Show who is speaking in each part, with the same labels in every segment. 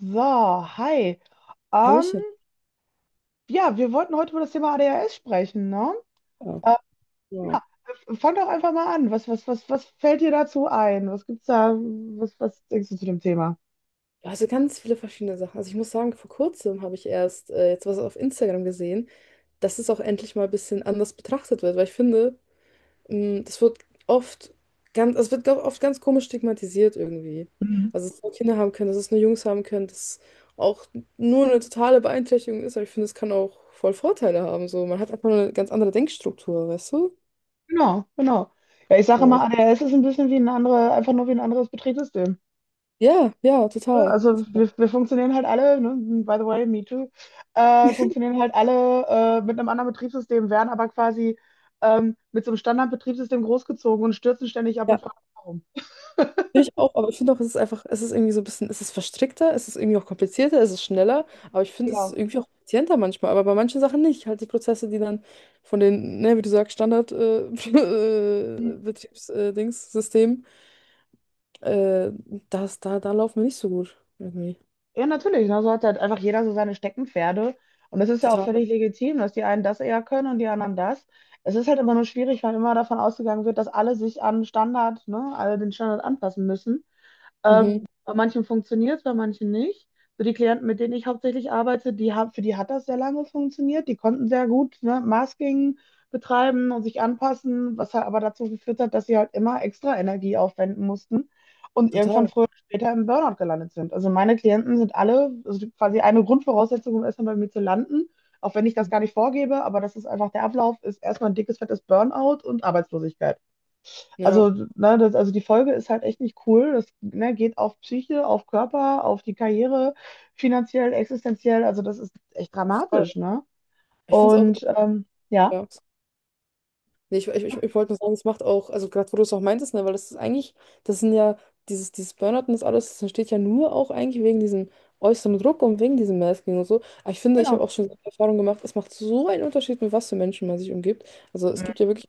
Speaker 1: So, hi. Ähm,
Speaker 2: Hallöchen.
Speaker 1: ja, wir wollten heute über das Thema ADHS sprechen, ne?
Speaker 2: Ja,
Speaker 1: Äh,
Speaker 2: wow.
Speaker 1: ja, fang doch einfach mal an. Was fällt dir dazu ein? Was gibt's da? Was denkst du zu dem Thema?
Speaker 2: Ja, Also ganz viele verschiedene Sachen. Also ich muss sagen, vor kurzem habe ich erst jetzt was auf Instagram gesehen, dass es auch endlich mal ein bisschen anders betrachtet wird, weil ich finde, das wird oft ganz, also es wird oft ganz komisch stigmatisiert irgendwie.
Speaker 1: Mhm.
Speaker 2: Also dass es nur Kinder haben können, dass es nur Jungs haben können, dass es auch nur eine totale Beeinträchtigung ist, aber ich finde, es kann auch voll Vorteile haben. So, man hat einfach eine ganz andere Denkstruktur, weißt du?
Speaker 1: Genau, genau. Ja, ich sage immer,
Speaker 2: So.
Speaker 1: ADHS ist ein bisschen einfach nur wie ein anderes Betriebssystem.
Speaker 2: Ja, ja,
Speaker 1: Ja,
Speaker 2: total,
Speaker 1: also
Speaker 2: total.
Speaker 1: wir funktionieren halt alle, ne? By the way, me too, funktionieren halt alle mit einem anderen Betriebssystem, werden aber quasi mit so einem Standardbetriebssystem großgezogen und stürzen ständig ab
Speaker 2: Ja.
Speaker 1: und fragen, warum.
Speaker 2: Finde ich auch, aber ich finde auch, es ist einfach, es ist irgendwie so ein bisschen, es ist verstrickter, es ist irgendwie auch komplizierter, es ist schneller, aber ich finde, es ist
Speaker 1: Genau.
Speaker 2: irgendwie auch effizienter manchmal, aber bei manchen Sachen nicht. Halt die Prozesse, die dann von den, ne, wie du sagst, Standard
Speaker 1: Hm.
Speaker 2: Betriebs, Dings, System, äh, das, da, da laufen wir nicht so gut. Irgendwie.
Speaker 1: Ja, natürlich. Ne? So hat halt einfach jeder so seine Steckenpferde. Und das ist ja auch
Speaker 2: Total.
Speaker 1: völlig legitim, dass die einen das eher können und die anderen das. Es ist halt immer nur schwierig, weil immer davon ausgegangen wird, dass alle sich an Standard, ne, alle den Standard anpassen müssen.
Speaker 2: Mhm.
Speaker 1: Bei manchen funktioniert es, bei manchen nicht. So die Klienten, mit denen ich hauptsächlich arbeite, die haben, für die hat das sehr lange funktioniert. Die konnten sehr gut, ne, Masking betreiben und sich anpassen, was halt aber dazu geführt hat, dass sie halt immer extra Energie aufwenden mussten und irgendwann
Speaker 2: Total.
Speaker 1: früher oder später im Burnout gelandet sind. Also meine Klienten sind alle, also quasi eine Grundvoraussetzung, um erstmal bei mir zu landen, auch wenn ich das
Speaker 2: Mhm.
Speaker 1: gar nicht vorgebe, aber das ist einfach der Ablauf, ist erstmal ein dickes, fettes Burnout und Arbeitslosigkeit.
Speaker 2: Ja,
Speaker 1: Also, ne, also die Folge ist halt echt nicht cool. Das, ne, geht auf Psyche, auf Körper, auf die Karriere, finanziell, existenziell. Also das ist echt
Speaker 2: total.
Speaker 1: dramatisch, ne?
Speaker 2: Ich finde es auch,
Speaker 1: Und ja,
Speaker 2: ja. Nee, ich wollte nur sagen, es macht auch, also gerade wo du es auch meintest, ne, weil das ist eigentlich, das sind ja, dieses Burnout und das alles, das entsteht ja nur auch eigentlich wegen diesem äußeren Druck und wegen diesem Masking und so. Aber ich finde, ich habe
Speaker 1: genau.
Speaker 2: auch schon die Erfahrung gemacht, es macht so einen Unterschied, mit was für Menschen man sich umgibt. Also es
Speaker 1: Mhm.
Speaker 2: gibt ja wirklich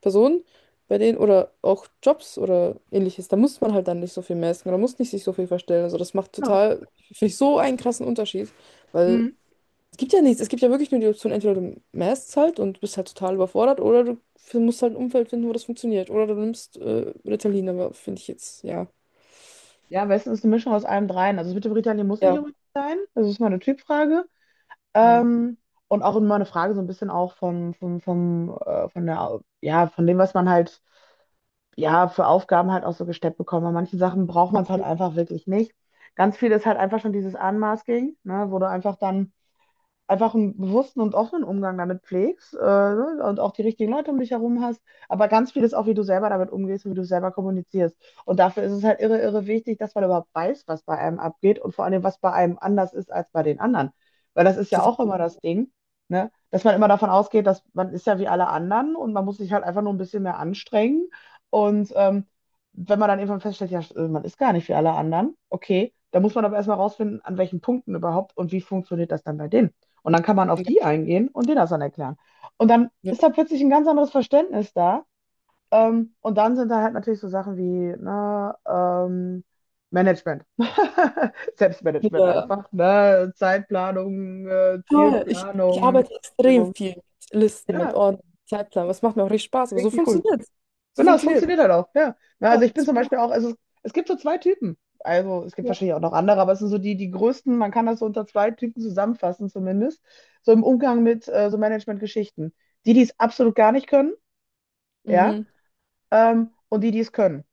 Speaker 2: Personen, bei denen, oder auch Jobs oder ähnliches, da muss man halt dann nicht so viel masken oder muss nicht sich so viel verstellen. Also das macht
Speaker 1: Genau.
Speaker 2: total, finde ich, so einen krassen Unterschied, weil
Speaker 1: Mhm.
Speaker 2: es gibt ja nichts, es gibt ja wirklich nur die Option, entweder du mästst halt und bist halt total überfordert oder du musst halt ein Umfeld finden, wo das funktioniert. Oder du nimmst Ritalin, aber finde ich jetzt, ja.
Speaker 1: Ja, am besten ist eine Mischung aus allem dreien. Also das mit dem Ritalin muss nicht
Speaker 2: Ja,
Speaker 1: unbedingt sein. Das ist mal eine Typfrage.
Speaker 2: ja.
Speaker 1: Ähm, und auch immer eine Frage so ein bisschen auch von der, ja, von dem, was man halt ja, für Aufgaben halt auch so gesteppt bekommen. Bei manchen Sachen braucht man es halt einfach wirklich nicht. Ganz viel ist halt einfach schon dieses Unmasking, ne, wo du einfach dann einfach einen bewussten und offenen Umgang damit pflegst, ne, und auch die richtigen Leute um dich herum hast, aber ganz viel ist auch, wie du selber damit umgehst und wie du selber kommunizierst. Und dafür ist es halt irre, irre wichtig, dass man überhaupt weiß, was bei einem abgeht und vor allem, was bei einem anders ist als bei den anderen. Weil das ist ja
Speaker 2: Total.
Speaker 1: auch immer das Ding, ne? Dass man immer davon ausgeht, dass man ist ja wie alle anderen und man muss sich halt einfach nur ein bisschen mehr anstrengen. Und wenn man dann irgendwann feststellt, ja, man ist gar nicht wie alle anderen, okay, dann muss man aber erstmal rausfinden, an welchen Punkten überhaupt und wie funktioniert das dann bei denen. Und dann kann man auf
Speaker 2: Ja,
Speaker 1: die eingehen und denen das dann erklären. Und dann
Speaker 2: ja.
Speaker 1: ist da plötzlich ein ganz anderes Verständnis da. Und dann sind da halt natürlich so Sachen wie, na Management. Selbstmanagement
Speaker 2: Ja.
Speaker 1: einfach, ne? Zeitplanung,
Speaker 2: Toll. Ich
Speaker 1: Zielplanung,
Speaker 2: arbeite extrem
Speaker 1: Priorisierung.
Speaker 2: viel mit Listen, mit
Speaker 1: Ja,
Speaker 2: Ordnung, Zeitplan. Das macht mir auch richtig Spaß, aber so
Speaker 1: richtig cool.
Speaker 2: funktioniert es. So
Speaker 1: Genau, es
Speaker 2: funktioniert es.
Speaker 1: funktioniert halt auch, ja. Na, also
Speaker 2: Ja,
Speaker 1: ich bin zum
Speaker 2: super.
Speaker 1: Beispiel auch, also es gibt so zwei Typen. Also es gibt
Speaker 2: Ja.
Speaker 1: wahrscheinlich auch noch andere, aber es sind so die größten, man kann das so unter zwei Typen zusammenfassen zumindest, so im Umgang mit so Management-Geschichten. Die, die es absolut gar nicht können, ja,
Speaker 2: Mhm.
Speaker 1: und die, die es können.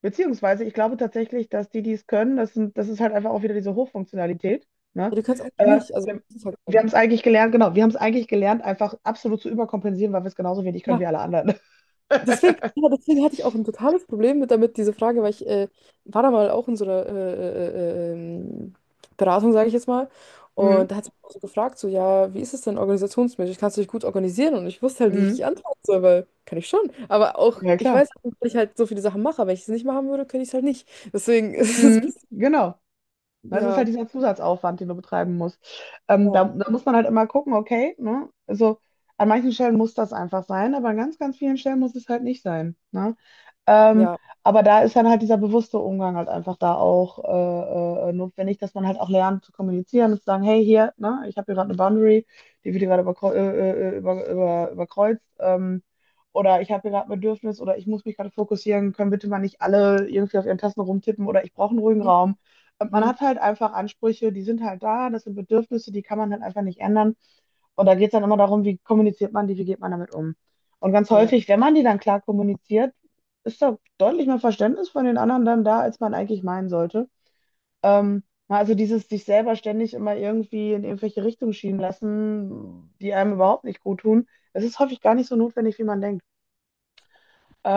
Speaker 1: Beziehungsweise, ich glaube tatsächlich, dass die, die es können, das ist halt einfach auch wieder diese Hochfunktionalität, ne?
Speaker 2: Ja, du kannst eigentlich
Speaker 1: Äh,
Speaker 2: nicht, also
Speaker 1: wir
Speaker 2: das ist halt
Speaker 1: wir
Speaker 2: dann.
Speaker 1: haben es eigentlich gelernt, genau, wir haben es eigentlich gelernt, einfach absolut zu überkompensieren, weil wir es genauso wenig können
Speaker 2: Ja,
Speaker 1: wie alle anderen.
Speaker 2: deswegen, ja, deswegen hatte ich auch ein totales Problem mit damit, diese Frage, weil ich war da mal auch in so einer Beratung, sage ich jetzt mal.
Speaker 1: Mhm.
Speaker 2: Und da hat sie mich auch so gefragt, so, ja, wie ist es denn organisationsmäßig? Kannst du dich gut organisieren? Und ich wusste halt nicht,
Speaker 1: Mhm.
Speaker 2: wie ich antworten soll, weil kann ich schon. Aber auch,
Speaker 1: Ja,
Speaker 2: ich
Speaker 1: klar.
Speaker 2: weiß, dass ich halt so viele Sachen mache, aber wenn ich es nicht machen würde, könnte ich es halt nicht. Deswegen ist es,
Speaker 1: Mhm, genau. Ne, es ist halt
Speaker 2: ja,
Speaker 1: dieser Zusatzaufwand, den du betreiben musst. Ähm, da,
Speaker 2: ja,
Speaker 1: da muss man halt immer gucken, okay, ne? Also an manchen Stellen muss das einfach sein, aber an ganz, ganz vielen Stellen muss es halt nicht sein. Ne? Ähm,
Speaker 2: ja.
Speaker 1: aber da ist dann halt dieser bewusste Umgang halt einfach da auch notwendig, dass man halt auch lernt zu kommunizieren und zu sagen, hey, hier, ne, ich habe hier gerade eine Boundary, die wird hier gerade überkreuzt. Oder ich habe hier gerade ein Bedürfnis oder ich muss mich gerade fokussieren, können bitte mal nicht alle irgendwie auf ihren Tasten rumtippen oder ich brauche einen ruhigen
Speaker 2: Mhm,
Speaker 1: Raum. Man
Speaker 2: mhm.
Speaker 1: hat halt einfach Ansprüche, die sind halt da, das sind Bedürfnisse, die kann man halt einfach nicht ändern. Und da geht es dann immer darum, wie kommuniziert man die, wie geht man damit um. Und ganz
Speaker 2: Ja.
Speaker 1: häufig, wenn man die dann klar kommuniziert, ist da deutlich mehr Verständnis von den anderen dann da, als man eigentlich meinen sollte. Ähm, na, also dieses sich selber ständig immer irgendwie in irgendwelche Richtungen schieben lassen, die einem überhaupt nicht gut tun, das ist häufig gar nicht so notwendig, wie man denkt.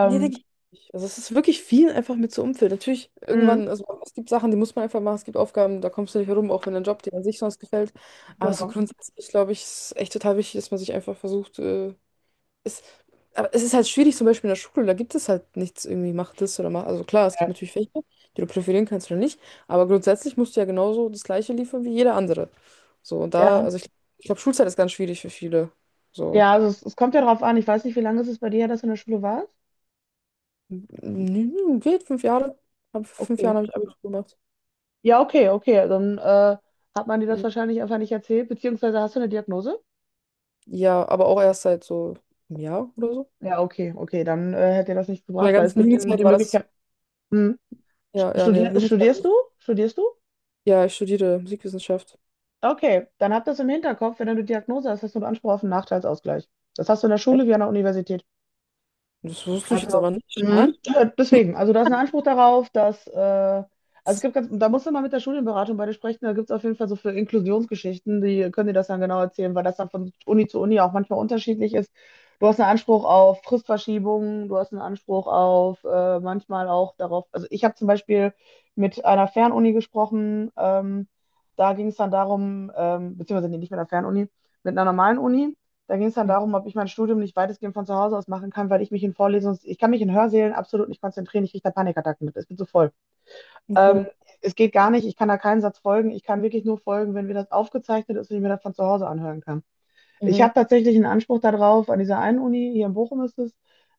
Speaker 2: Nee, denke ich nicht. Also es ist wirklich viel einfach mit so Umfeld. Natürlich,
Speaker 1: mh,
Speaker 2: irgendwann, also es gibt Sachen, die muss man einfach machen, es gibt Aufgaben, da kommst du nicht herum, auch wenn dein Job dir an sich sonst gefällt. Aber so
Speaker 1: genau.
Speaker 2: grundsätzlich, glaube ich, ist echt total wichtig, dass man sich einfach versucht, es, aber es ist halt schwierig, zum Beispiel in der Schule, da gibt es halt nichts irgendwie, mach das oder mach. Also klar, es gibt
Speaker 1: Ja,
Speaker 2: natürlich Fächer, die du profilieren kannst oder nicht, aber grundsätzlich musst du ja genauso das Gleiche liefern wie jeder andere. So, und da,
Speaker 1: ja,
Speaker 2: ich glaube, Schulzeit ist ganz schwierig für viele. So.
Speaker 1: ja, also es kommt ja drauf an. Ich weiß nicht, wie lange ist es bei dir her, dass du in der Schule warst?
Speaker 2: Nö, geht, fünf Jahre. Hab, fünf
Speaker 1: Okay.
Speaker 2: Jahren habe ich Abitur gemacht.
Speaker 1: Ja, okay, okay. Dann hat man dir das
Speaker 2: Ja.
Speaker 1: wahrscheinlich einfach nicht erzählt, beziehungsweise hast du eine Diagnose?
Speaker 2: Ja, aber auch erst seit so einem Jahr oder so.
Speaker 1: Ja, okay, okay. Dann hätte dir das nichts
Speaker 2: In der
Speaker 1: gebracht, weil es
Speaker 2: ganzen
Speaker 1: gibt den,
Speaker 2: Jugendzeit
Speaker 1: die
Speaker 2: war das.
Speaker 1: Möglichkeit. Hm.
Speaker 2: Ja, ja, nee,
Speaker 1: Studierst du?
Speaker 2: Jugendzeit.
Speaker 1: Studierst du?
Speaker 2: Ja, ich studiere Musikwissenschaft.
Speaker 1: Okay, dann habt das im Hinterkopf, wenn du eine Diagnose hast, hast du einen Anspruch auf einen Nachteilsausgleich. Das hast du in der
Speaker 2: Echt?
Speaker 1: Schule wie an der Universität.
Speaker 2: Das wusste ich jetzt
Speaker 1: Also,
Speaker 2: aber nicht.
Speaker 1: mhm.
Speaker 2: Mann.
Speaker 1: Ja, deswegen, also da ist ein Anspruch darauf, dass, also da musst du mal mit der Studienberatung bei dir sprechen, da gibt es auf jeden Fall so für Inklusionsgeschichten, die können dir das dann genau erzählen, weil das dann von Uni zu Uni auch manchmal unterschiedlich ist. Du hast einen Anspruch auf Fristverschiebungen, du hast einen Anspruch auf manchmal auch darauf, also ich habe zum Beispiel mit einer Fernuni gesprochen, da ging es dann darum, beziehungsweise nee, nicht mit einer Fernuni, mit einer normalen Uni da ging es dann darum, ob ich mein Studium nicht weitestgehend von zu Hause aus machen kann, weil ich mich in Vorlesungen, ich kann mich in Hörsälen absolut nicht konzentrieren, ich kriege da Panikattacken mit, ich bin so voll. Ähm,
Speaker 2: Okay.
Speaker 1: es geht gar nicht, ich kann da keinen Satz folgen, ich kann wirklich nur folgen, wenn mir das aufgezeichnet ist und ich mir das von zu Hause anhören kann. Ich
Speaker 2: Mhm.
Speaker 1: habe tatsächlich einen Anspruch darauf, an dieser einen Uni, hier in Bochum ist es,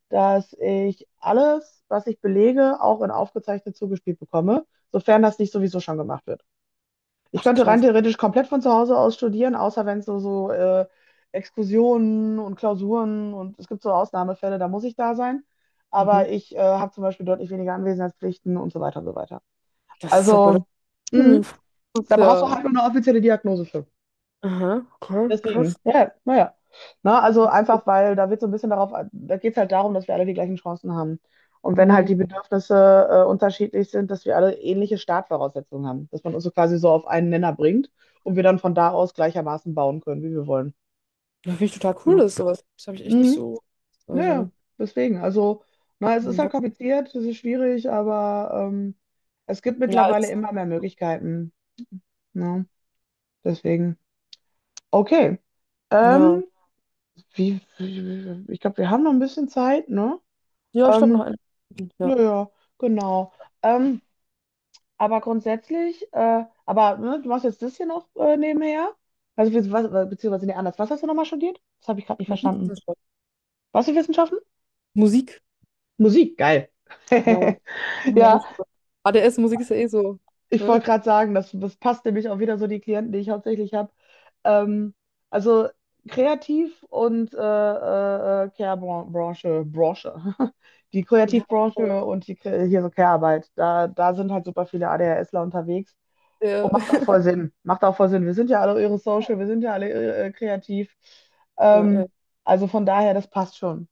Speaker 1: dass ich alles, was ich belege, auch in aufgezeichnet zugespielt bekomme, sofern das nicht sowieso schon gemacht wird. Ich
Speaker 2: Ach,
Speaker 1: könnte rein
Speaker 2: krass.
Speaker 1: theoretisch komplett von zu Hause aus studieren, außer wenn es Exkursionen und Klausuren und es gibt so Ausnahmefälle, da muss ich da sein.
Speaker 2: Mhm.
Speaker 1: Aber ich habe zum Beispiel deutlich weniger Anwesenheitspflichten und so weiter und so weiter.
Speaker 2: Das ist ja
Speaker 1: Also,
Speaker 2: verrückt.
Speaker 1: mh,
Speaker 2: Mhm. Das
Speaker 1: da
Speaker 2: ist
Speaker 1: brauchst du
Speaker 2: ja.
Speaker 1: halt nur eine offizielle Diagnose für.
Speaker 2: Aha, okay, krass.
Speaker 1: Deswegen, ja, naja. Na, also einfach, weil da wird so ein bisschen darauf, da geht es halt darum, dass wir alle die gleichen Chancen haben. Und wenn halt
Speaker 2: Mhm.
Speaker 1: die Bedürfnisse unterschiedlich sind, dass wir alle ähnliche Startvoraussetzungen haben, dass man uns so quasi so auf einen Nenner bringt und wir dann von da aus gleichermaßen bauen können, wie wir wollen.
Speaker 2: Ja, finde ich total cool,
Speaker 1: Ne.
Speaker 2: das ist sowas. Das habe ich echt nicht
Speaker 1: Mhm.
Speaker 2: so.
Speaker 1: Naja,
Speaker 2: Also,
Speaker 1: deswegen. Also, na, es
Speaker 2: nee,
Speaker 1: ist halt
Speaker 2: Bock.
Speaker 1: kompliziert, es ist schwierig, aber es gibt
Speaker 2: Ja,
Speaker 1: mittlerweile
Speaker 2: ist,
Speaker 1: immer mehr Möglichkeiten. Ne? Deswegen. Okay.
Speaker 2: ja.
Speaker 1: Ähm, wie, ich glaube, wir haben noch ein bisschen Zeit, ne?
Speaker 2: Ja, ich glaube noch
Speaker 1: Ähm,
Speaker 2: ein.
Speaker 1: ja, ja, genau. Ähm, aber grundsätzlich, aber ne, du machst jetzt das hier noch nebenher? Also, beziehungsweise, nee, anders. Was hast du nochmal studiert? Das habe ich gerade nicht
Speaker 2: Ja.
Speaker 1: verstanden. Was für Wissenschaften?
Speaker 2: Musik.
Speaker 1: Musik, geil.
Speaker 2: Ja. Ja,
Speaker 1: Ja.
Speaker 2: nicht so. ADS-Musik ist ja eh so.
Speaker 1: Ich
Speaker 2: Ne?
Speaker 1: wollte gerade sagen, das, passt nämlich auch wieder so die Klienten, die ich hauptsächlich habe. Ähm, also Kreativ- und Care-Branche, Branche. Die
Speaker 2: Ja,
Speaker 1: Kreativbranche
Speaker 2: voll.
Speaker 1: und hier so Care-Arbeit. Da sind halt super viele ADHSler unterwegs. Und
Speaker 2: Ja.
Speaker 1: macht auch voll Sinn. Macht auch voll Sinn. Wir sind ja alle irre social, wir sind ja alle irre, kreativ.
Speaker 2: Ja,
Speaker 1: Ähm, also von daher, das passt schon.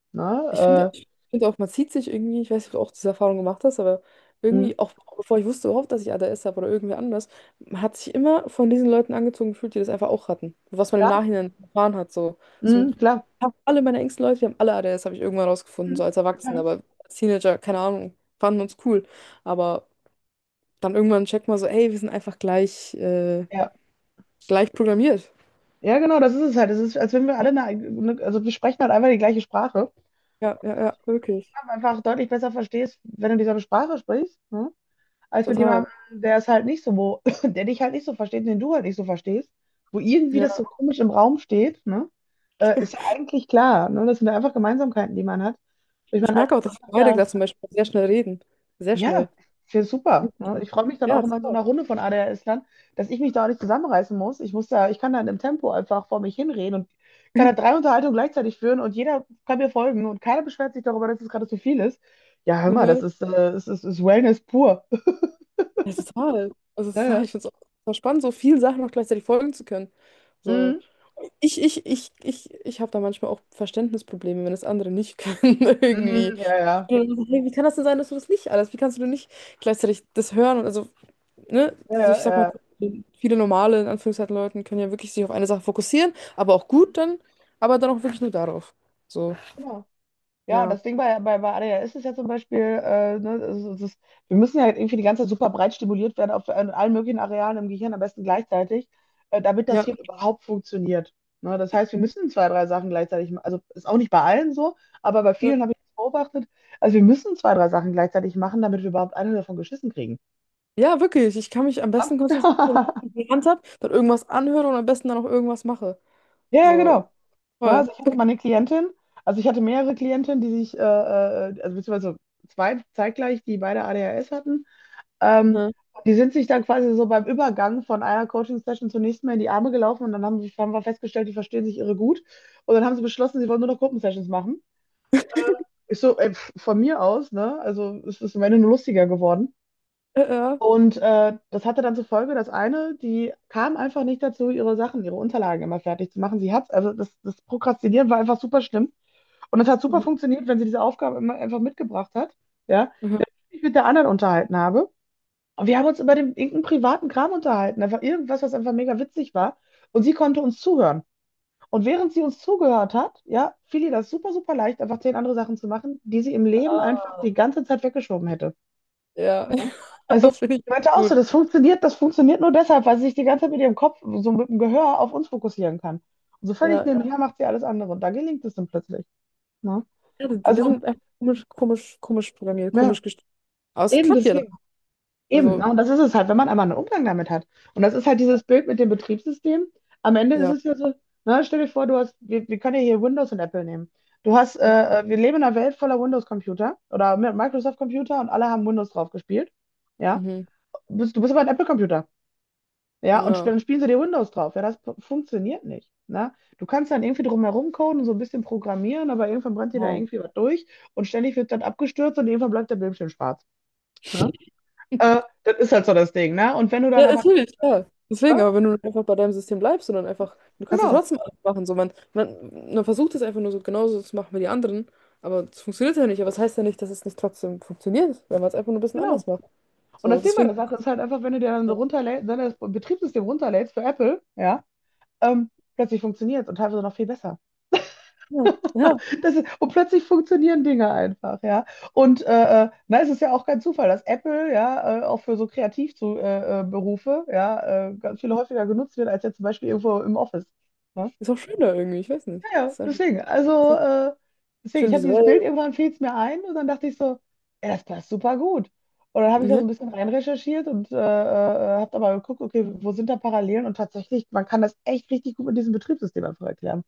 Speaker 1: Ne?
Speaker 2: ich finde auch, man zieht sich irgendwie, ich weiß nicht, ob du auch diese Erfahrung gemacht hast, aber
Speaker 1: Äh, mh,
Speaker 2: irgendwie, auch bevor ich wusste überhaupt, dass ich ADS habe oder irgendwer anders, man hat sich immer von diesen Leuten angezogen gefühlt, die das einfach auch hatten. Was man im
Speaker 1: klar,
Speaker 2: Nachhinein erfahren hat. So. So,
Speaker 1: klar.
Speaker 2: fast alle meine engsten Leute, die haben alle ADS, habe ich irgendwann rausgefunden,
Speaker 1: Mh,
Speaker 2: so als Erwachsener,
Speaker 1: ja.
Speaker 2: aber als Teenager, keine Ahnung, fanden uns cool. Aber dann irgendwann checkt man so, ey, wir sind einfach gleich.
Speaker 1: Ja.
Speaker 2: Gleich programmiert.
Speaker 1: Ja, genau, das ist es halt. Es ist, als wenn wir alle, also wir sprechen halt einfach die gleiche Sprache.
Speaker 2: Ja, ja, ja, wirklich.
Speaker 1: Aber einfach deutlich besser verstehst, wenn du dieselbe Sprache sprichst, ne, als mit
Speaker 2: Total.
Speaker 1: jemandem, der es halt nicht so, wo, der dich halt nicht so versteht, den du halt nicht so verstehst, wo irgendwie
Speaker 2: Ja.
Speaker 1: das so komisch im Raum steht, ne? Ist ja eigentlich klar, ne? Das sind ja einfach Gemeinsamkeiten, die man hat. Ich
Speaker 2: Ich
Speaker 1: meine,
Speaker 2: merke auch, dass wir beide
Speaker 1: alle,
Speaker 2: gerade zum Beispiel sehr schnell reden. Sehr
Speaker 1: ja,
Speaker 2: schnell.
Speaker 1: wäre super. Ne? Ich freue mich dann
Speaker 2: Ja,
Speaker 1: auch immer in so
Speaker 2: total.
Speaker 1: einer Runde von ADHS-Lern, dass ich mich da auch nicht zusammenreißen muss. Ich muss da, ich kann da in dem Tempo einfach vor mich hinreden und kann da drei Unterhaltungen gleichzeitig führen und jeder kann mir folgen und keiner beschwert sich darüber, dass es gerade zu viel ist. Ja, hör mal, das
Speaker 2: Mhm.
Speaker 1: ist, es ist, ist Wellness pur.
Speaker 2: Ja, total. Also
Speaker 1: Ja,
Speaker 2: total.
Speaker 1: ja.
Speaker 2: Ich finde es auch total spannend, so vielen Sachen auch gleichzeitig folgen zu können. So.
Speaker 1: Mhm.
Speaker 2: Ich habe da manchmal auch Verständnisprobleme, wenn das andere nicht können, irgendwie.
Speaker 1: Mhm. Ja, ja.
Speaker 2: Und dann so, hey, wie kann das denn sein, dass du das nicht alles? Wie kannst du denn nicht gleichzeitig das hören? Und also ne,
Speaker 1: Ja,
Speaker 2: also ich
Speaker 1: ja,
Speaker 2: sag mal,
Speaker 1: ja.
Speaker 2: viele normale, in Anführungszeichen, Leuten können ja wirklich sich auf eine Sache fokussieren, aber auch gut dann, aber dann auch wirklich nur darauf. So,
Speaker 1: Genau. Ja,
Speaker 2: ja.
Speaker 1: das Ding bei ADHS ist ja zum Beispiel, ne, es ist, wir müssen ja irgendwie die ganze Zeit super breit stimuliert werden auf an allen möglichen Arealen im Gehirn, am besten gleichzeitig, damit das
Speaker 2: Ja,
Speaker 1: Hirn überhaupt funktioniert. Ne, das heißt, wir müssen zwei, drei Sachen gleichzeitig machen. Also ist auch nicht bei allen so, aber bei
Speaker 2: äh,
Speaker 1: vielen habe ich das beobachtet. Also wir müssen zwei, drei Sachen gleichzeitig machen, damit wir überhaupt eine davon geschissen kriegen.
Speaker 2: ja, wirklich. Ich kann mich am besten konzentrieren, wenn
Speaker 1: Ja,
Speaker 2: ich etwas in habe, dann irgendwas anhöre und am besten dann auch irgendwas mache.
Speaker 1: ja, ja,
Speaker 2: So,
Speaker 1: genau. Ne,
Speaker 2: toll.
Speaker 1: also ich hatte mal eine Klientin, also ich hatte mehrere Klientinnen, die sich, also beziehungsweise zwei zeitgleich, die beide ADHS hatten. Ähm,
Speaker 2: Mhm.
Speaker 1: Die sind sich dann quasi so beim Übergang von einer Coaching-Session zur nächsten mal in die Arme gelaufen und dann haben, haben wir festgestellt, die verstehen sich irre gut. Und dann haben sie beschlossen, sie wollen nur noch Gruppensessions machen. Ich so, ey, pf, von mir aus, ne? Also es ist am Ende nur lustiger geworden.
Speaker 2: Ja.
Speaker 1: Und das hatte dann zur Folge, dass eine, die kam einfach nicht dazu, ihre Sachen, ihre Unterlagen immer fertig zu machen. Sie hat, also das Prokrastinieren war einfach super schlimm. Und es hat super
Speaker 2: Mhm.
Speaker 1: funktioniert, wenn sie diese Aufgabe immer einfach mitgebracht hat, ja,
Speaker 2: Mhm.
Speaker 1: ich mit der anderen unterhalten habe. Und wir haben uns über den, irgendeinen privaten Kram unterhalten, einfach irgendwas, was einfach mega witzig war. Und sie konnte uns zuhören. Und während sie uns zugehört hat, ja, fiel ihr das super, super leicht, einfach 10 andere Sachen zu machen, die sie im Leben
Speaker 2: Ah,
Speaker 1: einfach die ganze Zeit weggeschoben hätte.
Speaker 2: ja,
Speaker 1: Ne? Also,
Speaker 2: ja, finde ich
Speaker 1: ich meinte auch so,
Speaker 2: gut.
Speaker 1: das funktioniert nur deshalb, weil sie sich die ganze Zeit mit ihrem Kopf, so mit dem Gehör auf uns fokussieren kann. Und so
Speaker 2: Ja,
Speaker 1: völlig
Speaker 2: ja.
Speaker 1: nebenher macht sie alles andere. Und da gelingt es dann plötzlich. Ne?
Speaker 2: Ja, das- wir
Speaker 1: Also,
Speaker 2: sind einfach komisch, komisch, komisch programmiert,
Speaker 1: ja,
Speaker 2: komisch gestrickt. Aber es
Speaker 1: eben
Speaker 2: klappt ja dann.
Speaker 1: deswegen. Eben, ne?
Speaker 2: Also,
Speaker 1: Und das ist es halt, wenn man einmal einen Umgang damit hat. Und das ist halt dieses Bild mit dem Betriebssystem. Am Ende ist
Speaker 2: ja.
Speaker 1: es ja so, ne, stell dir vor, du hast, wir können ja hier Windows und Apple nehmen. Du hast, wir leben in einer Welt voller Windows-Computer oder Microsoft-Computer und alle haben Windows drauf gespielt. Ja,
Speaker 2: Mhm.
Speaker 1: du bist aber ein Apple-Computer. Ja, und
Speaker 2: Ja.
Speaker 1: dann spielen sie dir Windows drauf. Ja, das funktioniert nicht. Ne? Du kannst dann irgendwie drumherum coden und so ein bisschen programmieren, aber irgendwann brennt dir da irgendwie was durch und ständig wird dann abgestürzt und irgendwann bleibt der Bildschirm schwarz. Ne? Das ist halt so das Ding, ne? Und wenn du dann
Speaker 2: Ja,
Speaker 1: aber,
Speaker 2: natürlich, ja. Deswegen,
Speaker 1: ja,
Speaker 2: aber wenn du einfach bei deinem System bleibst und dann einfach, du kannst ja
Speaker 1: genau,
Speaker 2: trotzdem alles machen. So, man versucht es einfach nur so genauso zu machen wie die anderen, aber es funktioniert ja nicht. Aber es das heißt ja nicht, dass es nicht trotzdem funktioniert, wenn man es einfach nur ein bisschen anders
Speaker 1: genau.
Speaker 2: macht.
Speaker 1: Und
Speaker 2: So,
Speaker 1: das Ding bei
Speaker 2: deswegen,
Speaker 1: der Sache ist halt einfach, wenn du dir dann so
Speaker 2: ja,
Speaker 1: runterlädst, dann das Betriebssystem runterlädst für Apple, ja, ähm, plötzlich funktioniert und teilweise noch viel besser.
Speaker 2: ja, ja,
Speaker 1: Das ist, und plötzlich funktionieren Dinge einfach, ja. Und na, es ist ja auch kein Zufall, dass Apple ja auch für so Kreativberufe Berufe, ja ganz viel häufiger genutzt wird als jetzt zum Beispiel irgendwo im Office. Ne?
Speaker 2: ist auch schöner irgendwie, ich weiß nicht.
Speaker 1: Ja,
Speaker 2: Ist einfach
Speaker 1: deswegen, also, deswegen, ich
Speaker 2: schön
Speaker 1: habe dieses Bild,
Speaker 2: visuell.
Speaker 1: irgendwann fiel es mir ein und dann dachte ich so, ja, das passt super gut. Und dann habe ich da so
Speaker 2: Ja,
Speaker 1: ein bisschen rein recherchiert und habe aber geguckt, okay, wo sind da Parallelen? Und tatsächlich, man kann das echt richtig gut mit diesem Betriebssystem einfach erklären.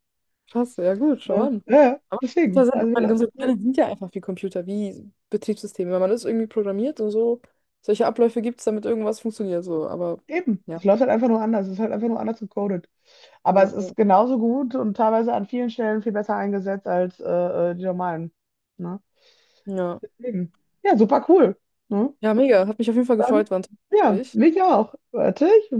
Speaker 2: krass, ja gut, schau
Speaker 1: Ne?
Speaker 2: an.
Speaker 1: Ja,
Speaker 2: Aber Computer
Speaker 1: deswegen,
Speaker 2: sind, ich
Speaker 1: also wir,
Speaker 2: meine,
Speaker 1: wir,
Speaker 2: Computer sind ja einfach wie Computer, wie Betriebssysteme. Wenn man das irgendwie programmiert und so, solche Abläufe gibt es, damit irgendwas funktioniert. So, aber
Speaker 1: eben, es
Speaker 2: ja,
Speaker 1: läuft halt einfach nur anders, es ist halt einfach nur anders gecodet.
Speaker 2: ja,
Speaker 1: Aber es
Speaker 2: ja.
Speaker 1: ist genauso gut und teilweise an vielen Stellen viel besser eingesetzt als die normalen. Ne?
Speaker 2: Ja.
Speaker 1: Deswegen, ja, super cool. Ne?
Speaker 2: Ja, mega. Hat mich auf jeden Fall
Speaker 1: Dann,
Speaker 2: gefreut, war ein tolles
Speaker 1: ja,
Speaker 2: Gespräch.
Speaker 1: mich auch. Warte, ich mach